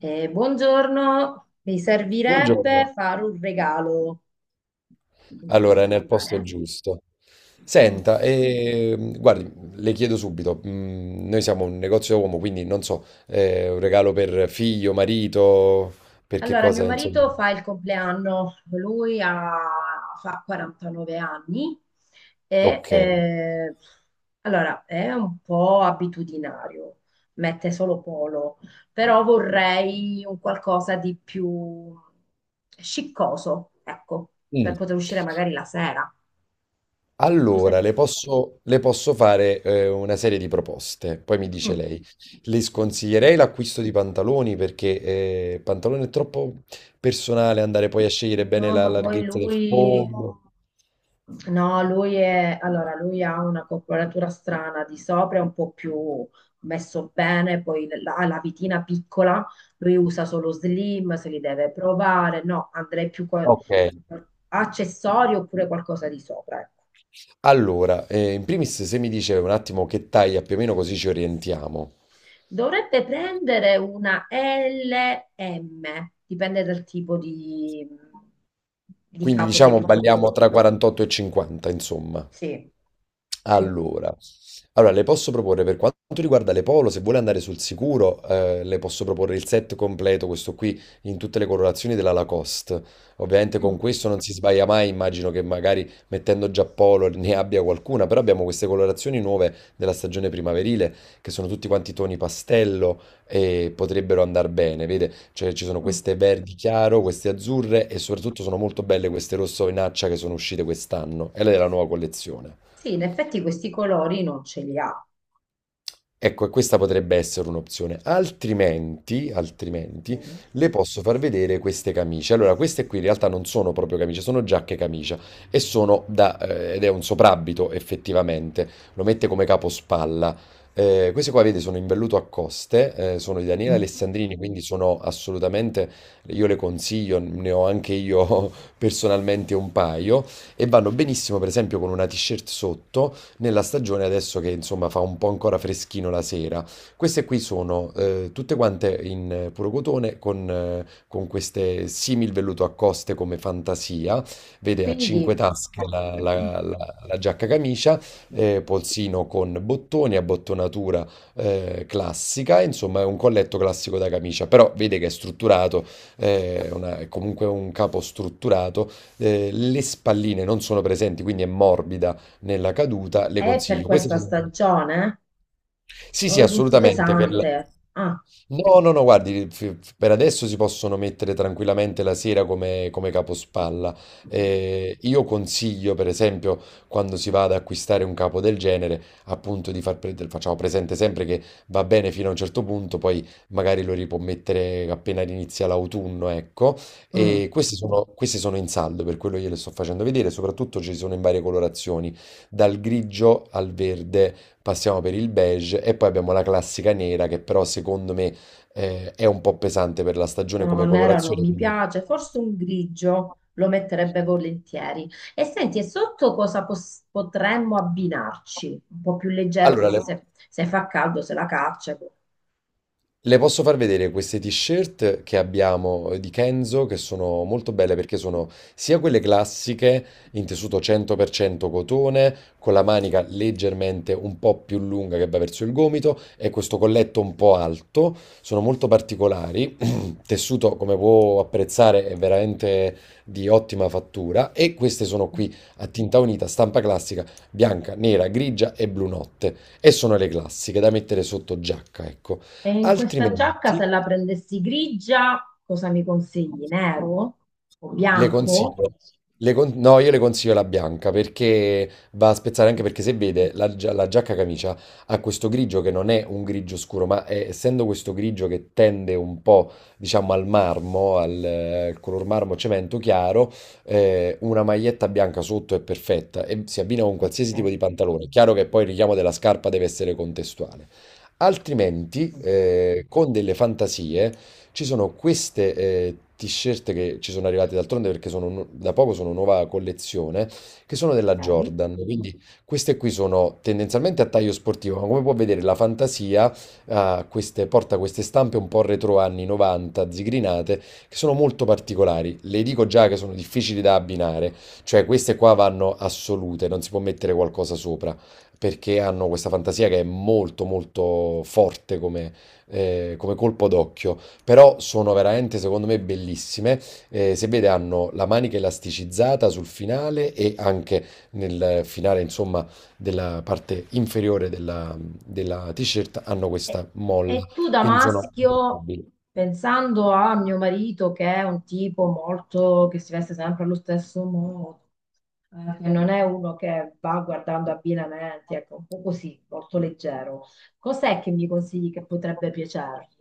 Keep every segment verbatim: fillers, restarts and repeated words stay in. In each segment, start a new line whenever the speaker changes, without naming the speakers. Eh, buongiorno, mi
Buongiorno.
servirebbe fare un regalo. Con chi
Allora, è
posso
nel posto
parlare?
giusto.
Mm.
Senta, ehm, guardi, le chiedo subito, mm, noi siamo un negozio da uomo, quindi non so, eh, un regalo per figlio, marito, per che
Allora, mio
cosa, insomma.
marito fa il compleanno, lui ha- fa quarantanove anni e
Ok.
eh, allora è un po' abitudinario, mette solo polo, però vorrei un qualcosa di più sciccoso, ecco, per
Mm.
poter uscire magari la sera. Cosa
Allora,
mi
le posso, le posso fare, eh, una serie di proposte, poi mi dice
Mm.
lei. Le sconsiglierei l'acquisto di pantaloni perché eh, il pantalone è troppo personale, andare poi a scegliere bene
No,
la
ma poi
larghezza del
lui,
fondo.
no, lui è, allora, lui ha una corporatura strana, di sopra è un po' più messo bene, poi la- ha la vitina piccola, lui usa solo slim, se li deve provare, no, andrei più co-
Ok.
accessori oppure qualcosa di sopra, ecco.
Allora, eh, in primis se mi dice un attimo che taglia più o meno così ci orientiamo.
Dovrebbe prendere una L M, dipende dal tipo di, di
Quindi
capo che
diciamo
mi propone.
balliamo tra quarantotto e cinquanta, insomma.
Sì, sì.
Allora, allora, le posso proporre per quanto riguarda le polo, se vuole andare sul sicuro, eh, le posso proporre il set completo, questo qui, in tutte le colorazioni della Lacoste. Ovviamente con questo non si sbaglia mai, immagino che magari mettendo già polo ne abbia qualcuna, però abbiamo queste colorazioni nuove della stagione primaverile, che sono tutti quanti toni pastello e potrebbero andare bene, vede? Cioè, ci sono
Mm.
queste verdi chiaro, queste azzurre e soprattutto sono molto belle queste rosso vinaccia che sono uscite quest'anno, e lei è la nuova collezione.
Sì, in effetti questi colori non ce li ha.
Ecco, e questa potrebbe essere un'opzione. Altrimenti, altrimenti,
Mm.
le posso far vedere queste camicie. Allora, queste qui in realtà non sono proprio camicie, sono giacche camicia e sono da, eh, ed è un soprabito effettivamente. Lo mette come capospalla. Eh, queste qua, vedi, sono in velluto a coste, eh, sono di Daniele
Mhm.
Alessandrini, quindi sono assolutamente, io le consiglio, ne ho anche io personalmente un paio e vanno benissimo, per esempio, con una t-shirt sotto nella stagione adesso che insomma fa un po' ancora freschino la sera. Queste qui sono eh, tutte quante in eh, puro cotone con, eh, con queste simil velluto a coste come fantasia, vede a cinque
Quindi
tasche la, la- la- la giacca camicia, eh, polsino con bottoni, abbottonatura eh, classica, insomma è un colletto classico da camicia, però vede che è strutturato, eh, una- è comunque un capo strutturato, eh, le spalline non sono presenti, quindi è morbida nella caduta, le
è per
consiglio. Questa è
questa
solo-
stagione?
sì,
Lo
sì,
vedo un po'
assolutamente. Per la-
pesante. Ah,
No, no, no, guardi, f- f- per adesso si possono mettere tranquillamente la sera come, come capospalla. Eh, io consiglio, per esempio, quando si va ad acquistare un capo del genere, appunto di far pre- facciamo presente sempre che va bene fino a un certo punto, poi magari lo ripuò mettere appena inizia l'autunno, ecco.
mm.
E questi sono, questi sono in saldo, per quello gliele sto facendo vedere, soprattutto ci sono in varie colorazioni, dal grigio al verde passiamo per il beige e poi abbiamo la classica nera che però secondo me eh, è un po' pesante per la stagione
No,
come
nero non
colorazione.
mi
quindi-
piace, forse un grigio lo metterebbe volentieri. E senti, e sotto cosa pos- potremmo abbinarci? Un po' più leggero,
Allora,
così
le-
se, se fa caldo se la caccia. Ecco.
le posso far vedere queste t-shirt che abbiamo, eh, di Kenzo, che sono molto belle perché sono sia quelle classiche in tessuto cento per cento cotone, con la manica leggermente un po' più lunga che va verso il gomito e questo colletto un po' alto, sono molto particolari, tessuto come può apprezzare è veramente di ottima fattura e queste sono qui a tinta unita, stampa classica, bianca, nera, grigia e blu notte e sono le classiche da mettere sotto giacca, ecco.
E in questa giacca,
Altrimenti
se la prendessi grigia, cosa mi consigli? Nero o
le
bianco?
consiglio, le con- no, io le consiglio la bianca perché va a spezzare anche
Mm.
perché se vede la, gia- la giacca camicia ha questo grigio che non è un grigio scuro, ma è- essendo questo grigio che tende un po', diciamo, al marmo, al, eh, color marmo cemento chiaro, eh, una maglietta bianca sotto è perfetta e si abbina con
Ok.
qualsiasi tipo di pantalone. È chiaro che poi il richiamo della scarpa deve essere contestuale. Altrimenti,
Mm,
eh, con delle fantasie, ci sono queste eh, t-shirt che ci sono arrivate d'altronde perché sono nu- da poco sono nuova collezione, che sono della
ok.
Jordan. Quindi queste qui sono tendenzialmente a taglio sportivo, ma come può vedere la fantasia ha queste- porta queste stampe un po' retro anni novanta, zigrinate, che sono molto particolari. Le dico già che sono difficili da abbinare, cioè queste qua vanno assolute, non si può mettere qualcosa sopra perché hanno questa fantasia che è molto molto forte come, eh, come colpo d'occhio, però sono veramente secondo me bellissime. Eh, se vede hanno la manica elasticizzata sul finale e anche nel finale insomma della parte inferiore della, della t-shirt hanno
E,
questa molla,
e tu da
quindi sono
maschio, pensando a mio marito, che è un tipo molto che si veste sempre allo stesso modo, eh, che non è uno che va guardando abbinamenti, ecco, un po' così, molto leggero, cos'è che mi consigli che potrebbe piacergli?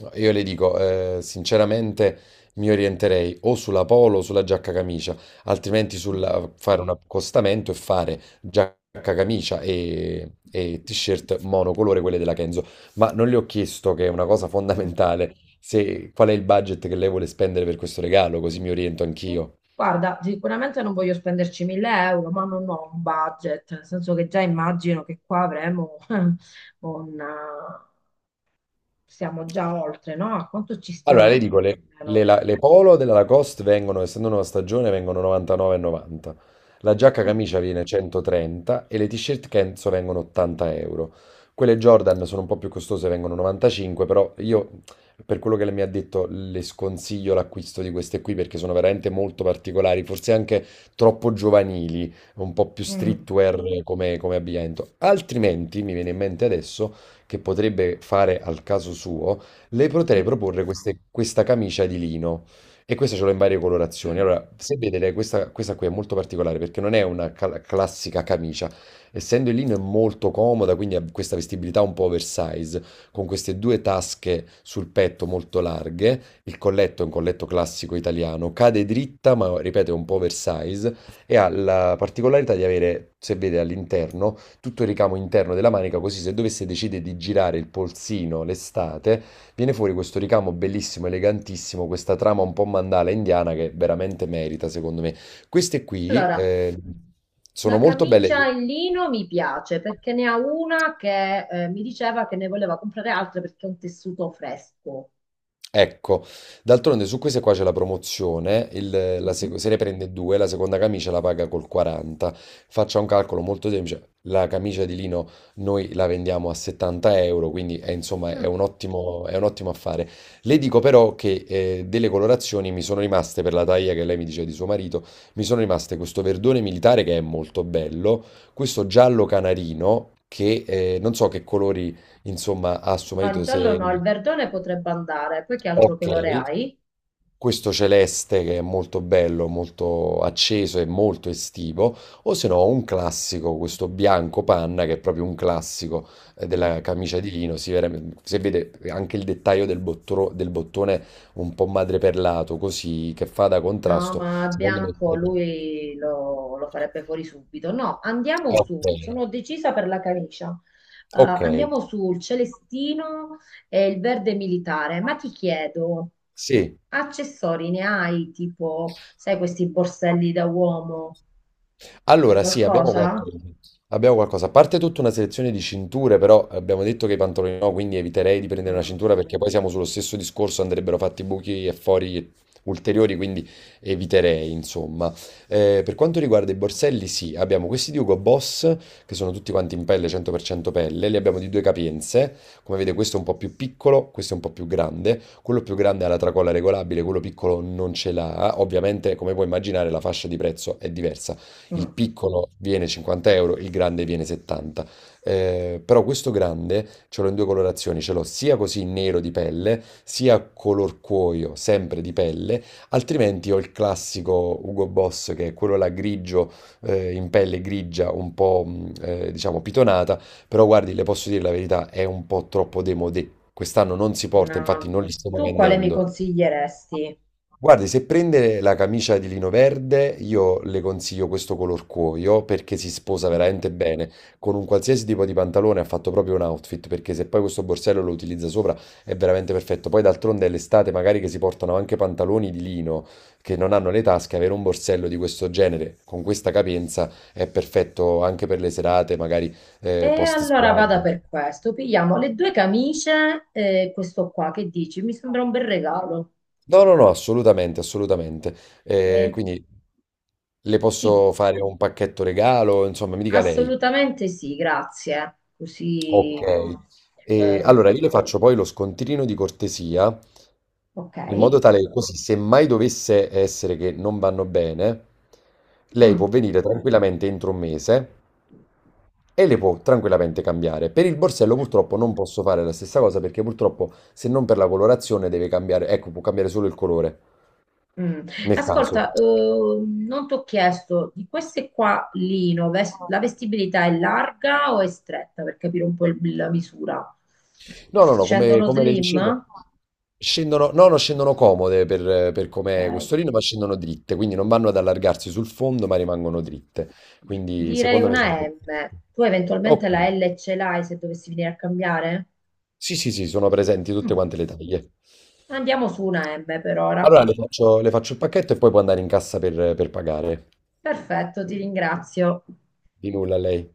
No, io le dico, eh, sinceramente mi orienterei o sulla polo o sulla giacca camicia, altrimenti
Mm,
sul fare un accostamento e fare giacca camicia e, e t-shirt monocolore, quelle della Kenzo. Ma non le ho chiesto, che è una cosa
mm.
fondamentale, se, qual è il budget che lei vuole spendere per questo regalo, così mi oriento anch'io.
Guarda, sicuramente non voglio spenderci mille euro, ma non ho un budget, nel senso che già immagino che qua avremo un... eh, stiamo già oltre, no? A quanto ci
Allora, le dico,
stiamo
le,
più o
le
meno?
la- le polo della Lacoste vengono, essendo una stagione, vengono novantanove e novanta. La giacca
Mm,
camicia viene centotrenta e le t-shirt Kenzo vengono ottanta euro. Quelle Jordan sono un po' più costose, vengono novantacinque, però io, per quello che lei mi ha detto, le sconsiglio l'acquisto di queste qui perché sono veramente molto particolari, forse anche troppo giovanili, un po' più
mm,
streetwear come come abbigliamento. Altrimenti, mi viene in mente adesso, che potrebbe fare al caso suo le potrei
sì.
proporre queste- questa camicia di lino e questa ce l'ho in varie colorazioni. Allora, se vedete, questa, questa qui è molto particolare perché non è una cal- classica camicia, essendo il lino è molto comoda, quindi ha questa vestibilità un po' oversize, con queste due tasche sul petto molto larghe, il colletto è un colletto classico italiano, cade dritta, ma ripeto, è un po' oversize e ha la particolarità di avere, se vede all'interno, tutto il ricamo interno della manica, così se dovesse decidere di girare il polsino l'estate, viene fuori questo ricamo bellissimo, elegantissimo, questa trama un po' mandala indiana che veramente merita, secondo me. Queste qui
Allora,
eh, sono
la
molto belle.
camicia in lino mi piace perché ne ha una che eh, mi diceva che ne voleva comprare altre perché è un tessuto fresco.
Ecco, d'altronde su queste qua c'è la promozione, il- la
Mm.
sec- se ne prende due, la seconda camicia la paga col quaranta. Faccia un calcolo molto semplice, la camicia di lino noi la vendiamo a settanta euro, quindi è, insomma è
Ah.
un ottimo, è un ottimo affare. Le dico però che eh, delle colorazioni mi sono rimaste, per la taglia che lei mi dice di suo marito, mi sono rimaste questo verdone militare che è molto bello, questo giallo canarino che eh, non so che colori insomma ha suo
No, il
marito
giallo
se...
no, il verdone potrebbe andare. Poi che altro
Ok.
colore hai?
Questo celeste che è molto bello, molto acceso e molto estivo, o se no un classico, questo bianco panna che è proprio un classico eh,
Mm.
della camicia di lino, si vede, si vede anche il dettaglio del, bottro- del bottone un po' madreperlato, così che fa da
No,
contrasto,
ma
secondo me.
bianco lui lo, lo farebbe fuori subito. No, andiamo
Ok,
su, sono decisa per la camicia. Eh,
ok,
andiamo sul celestino e il verde militare. Ma ti chiedo,
sì.
accessori ne hai? Tipo, sai, questi borselli da uomo? Hai
Allora, sì, abbiamo
qualcosa?
qualcosa. Abbiamo qualcosa. A parte tutta una selezione di cinture, però abbiamo detto che i pantaloni no, quindi eviterei di prendere una
Mm,
cintura perché poi siamo sullo stesso discorso, andrebbero fatti buchi e fori ulteriori, quindi eviterei, insomma. Eh, per quanto riguarda i borselli, sì, abbiamo questi di Hugo Boss, che sono tutti quanti in pelle, cento per cento pelle, li abbiamo di due capienze. Come vedete, questo è un po' più piccolo, questo è un po' più grande. Quello più grande ha la tracolla regolabile, quello piccolo non ce l'ha. Ovviamente, come puoi immaginare, la fascia di prezzo è diversa, il
mm,
piccolo viene cinquanta euro, il grande viene settanta. Eh, però questo grande ce l'ho in due colorazioni, ce l'ho sia così nero di pelle, sia color cuoio, sempre di pelle, altrimenti ho il classico Hugo Boss che è quello là grigio, eh, in pelle grigia, un po' mh, eh, diciamo pitonata, però guardi, le posso dire la verità, è un po' troppo démodé. Quest'anno non si porta,
no.
infatti
No.
non li stiamo
Tu quale mi
vendendo.
consiglieresti?
Guardi, se prende la camicia di lino verde, io le consiglio questo color cuoio perché si sposa veramente bene. Con un qualsiasi tipo di pantalone ha fatto proprio un outfit, perché se poi questo borsello lo utilizza sopra è veramente perfetto. Poi d'altronde è l'estate, magari che si portano anche pantaloni di lino che non hanno le tasche, avere un borsello di questo genere con questa capienza è perfetto anche per le serate, magari
E
eh, post
allora vada
spiaggia.
per questo. Pigliamo le due camicie e questo qua, che dici? Mi sembra un bel regalo.
No, no, no, assolutamente, assolutamente. Eh,
Eh,
quindi le
sì,
posso fare un pacchetto regalo, insomma, mi dica lei.
assolutamente sì, grazie.
Ok.
Così,
E
eh,
allora io le faccio poi lo scontrino di cortesia,
ok.
in modo tale che così, se mai dovesse essere che non vanno bene, lei
Mm,
può venire tranquillamente entro un mese e le può tranquillamente cambiare. Per il borsello purtroppo non posso fare la stessa cosa perché purtroppo se non per la colorazione deve cambiare, ecco, può cambiare solo il colore
mm.
nel caso.
Ascolta, eh, non ti ho chiesto di queste qua, Lino, ves- la vestibilità è larga o è stretta per capire un po' il- la misura?
No, no, no, come,
Scendono
come le dicevo,
slim?
scendono, no, no, scendono comode per, per
Ok.
com'è questo rino, ma scendono dritte, quindi non vanno ad allargarsi sul fondo, ma rimangono dritte. Quindi
Direi
secondo me sono...
una M. Tu
Ok.
eventualmente la L ce l'hai se dovessi venire a cambiare?
Sì, sì, sì, sono presenti tutte
Mm.
quante le taglie.
Andiamo su una M per ora.
Allora le faccio, le faccio il pacchetto e poi può andare in cassa per per pagare.
Perfetto, ti ringrazio.
Di nulla a lei.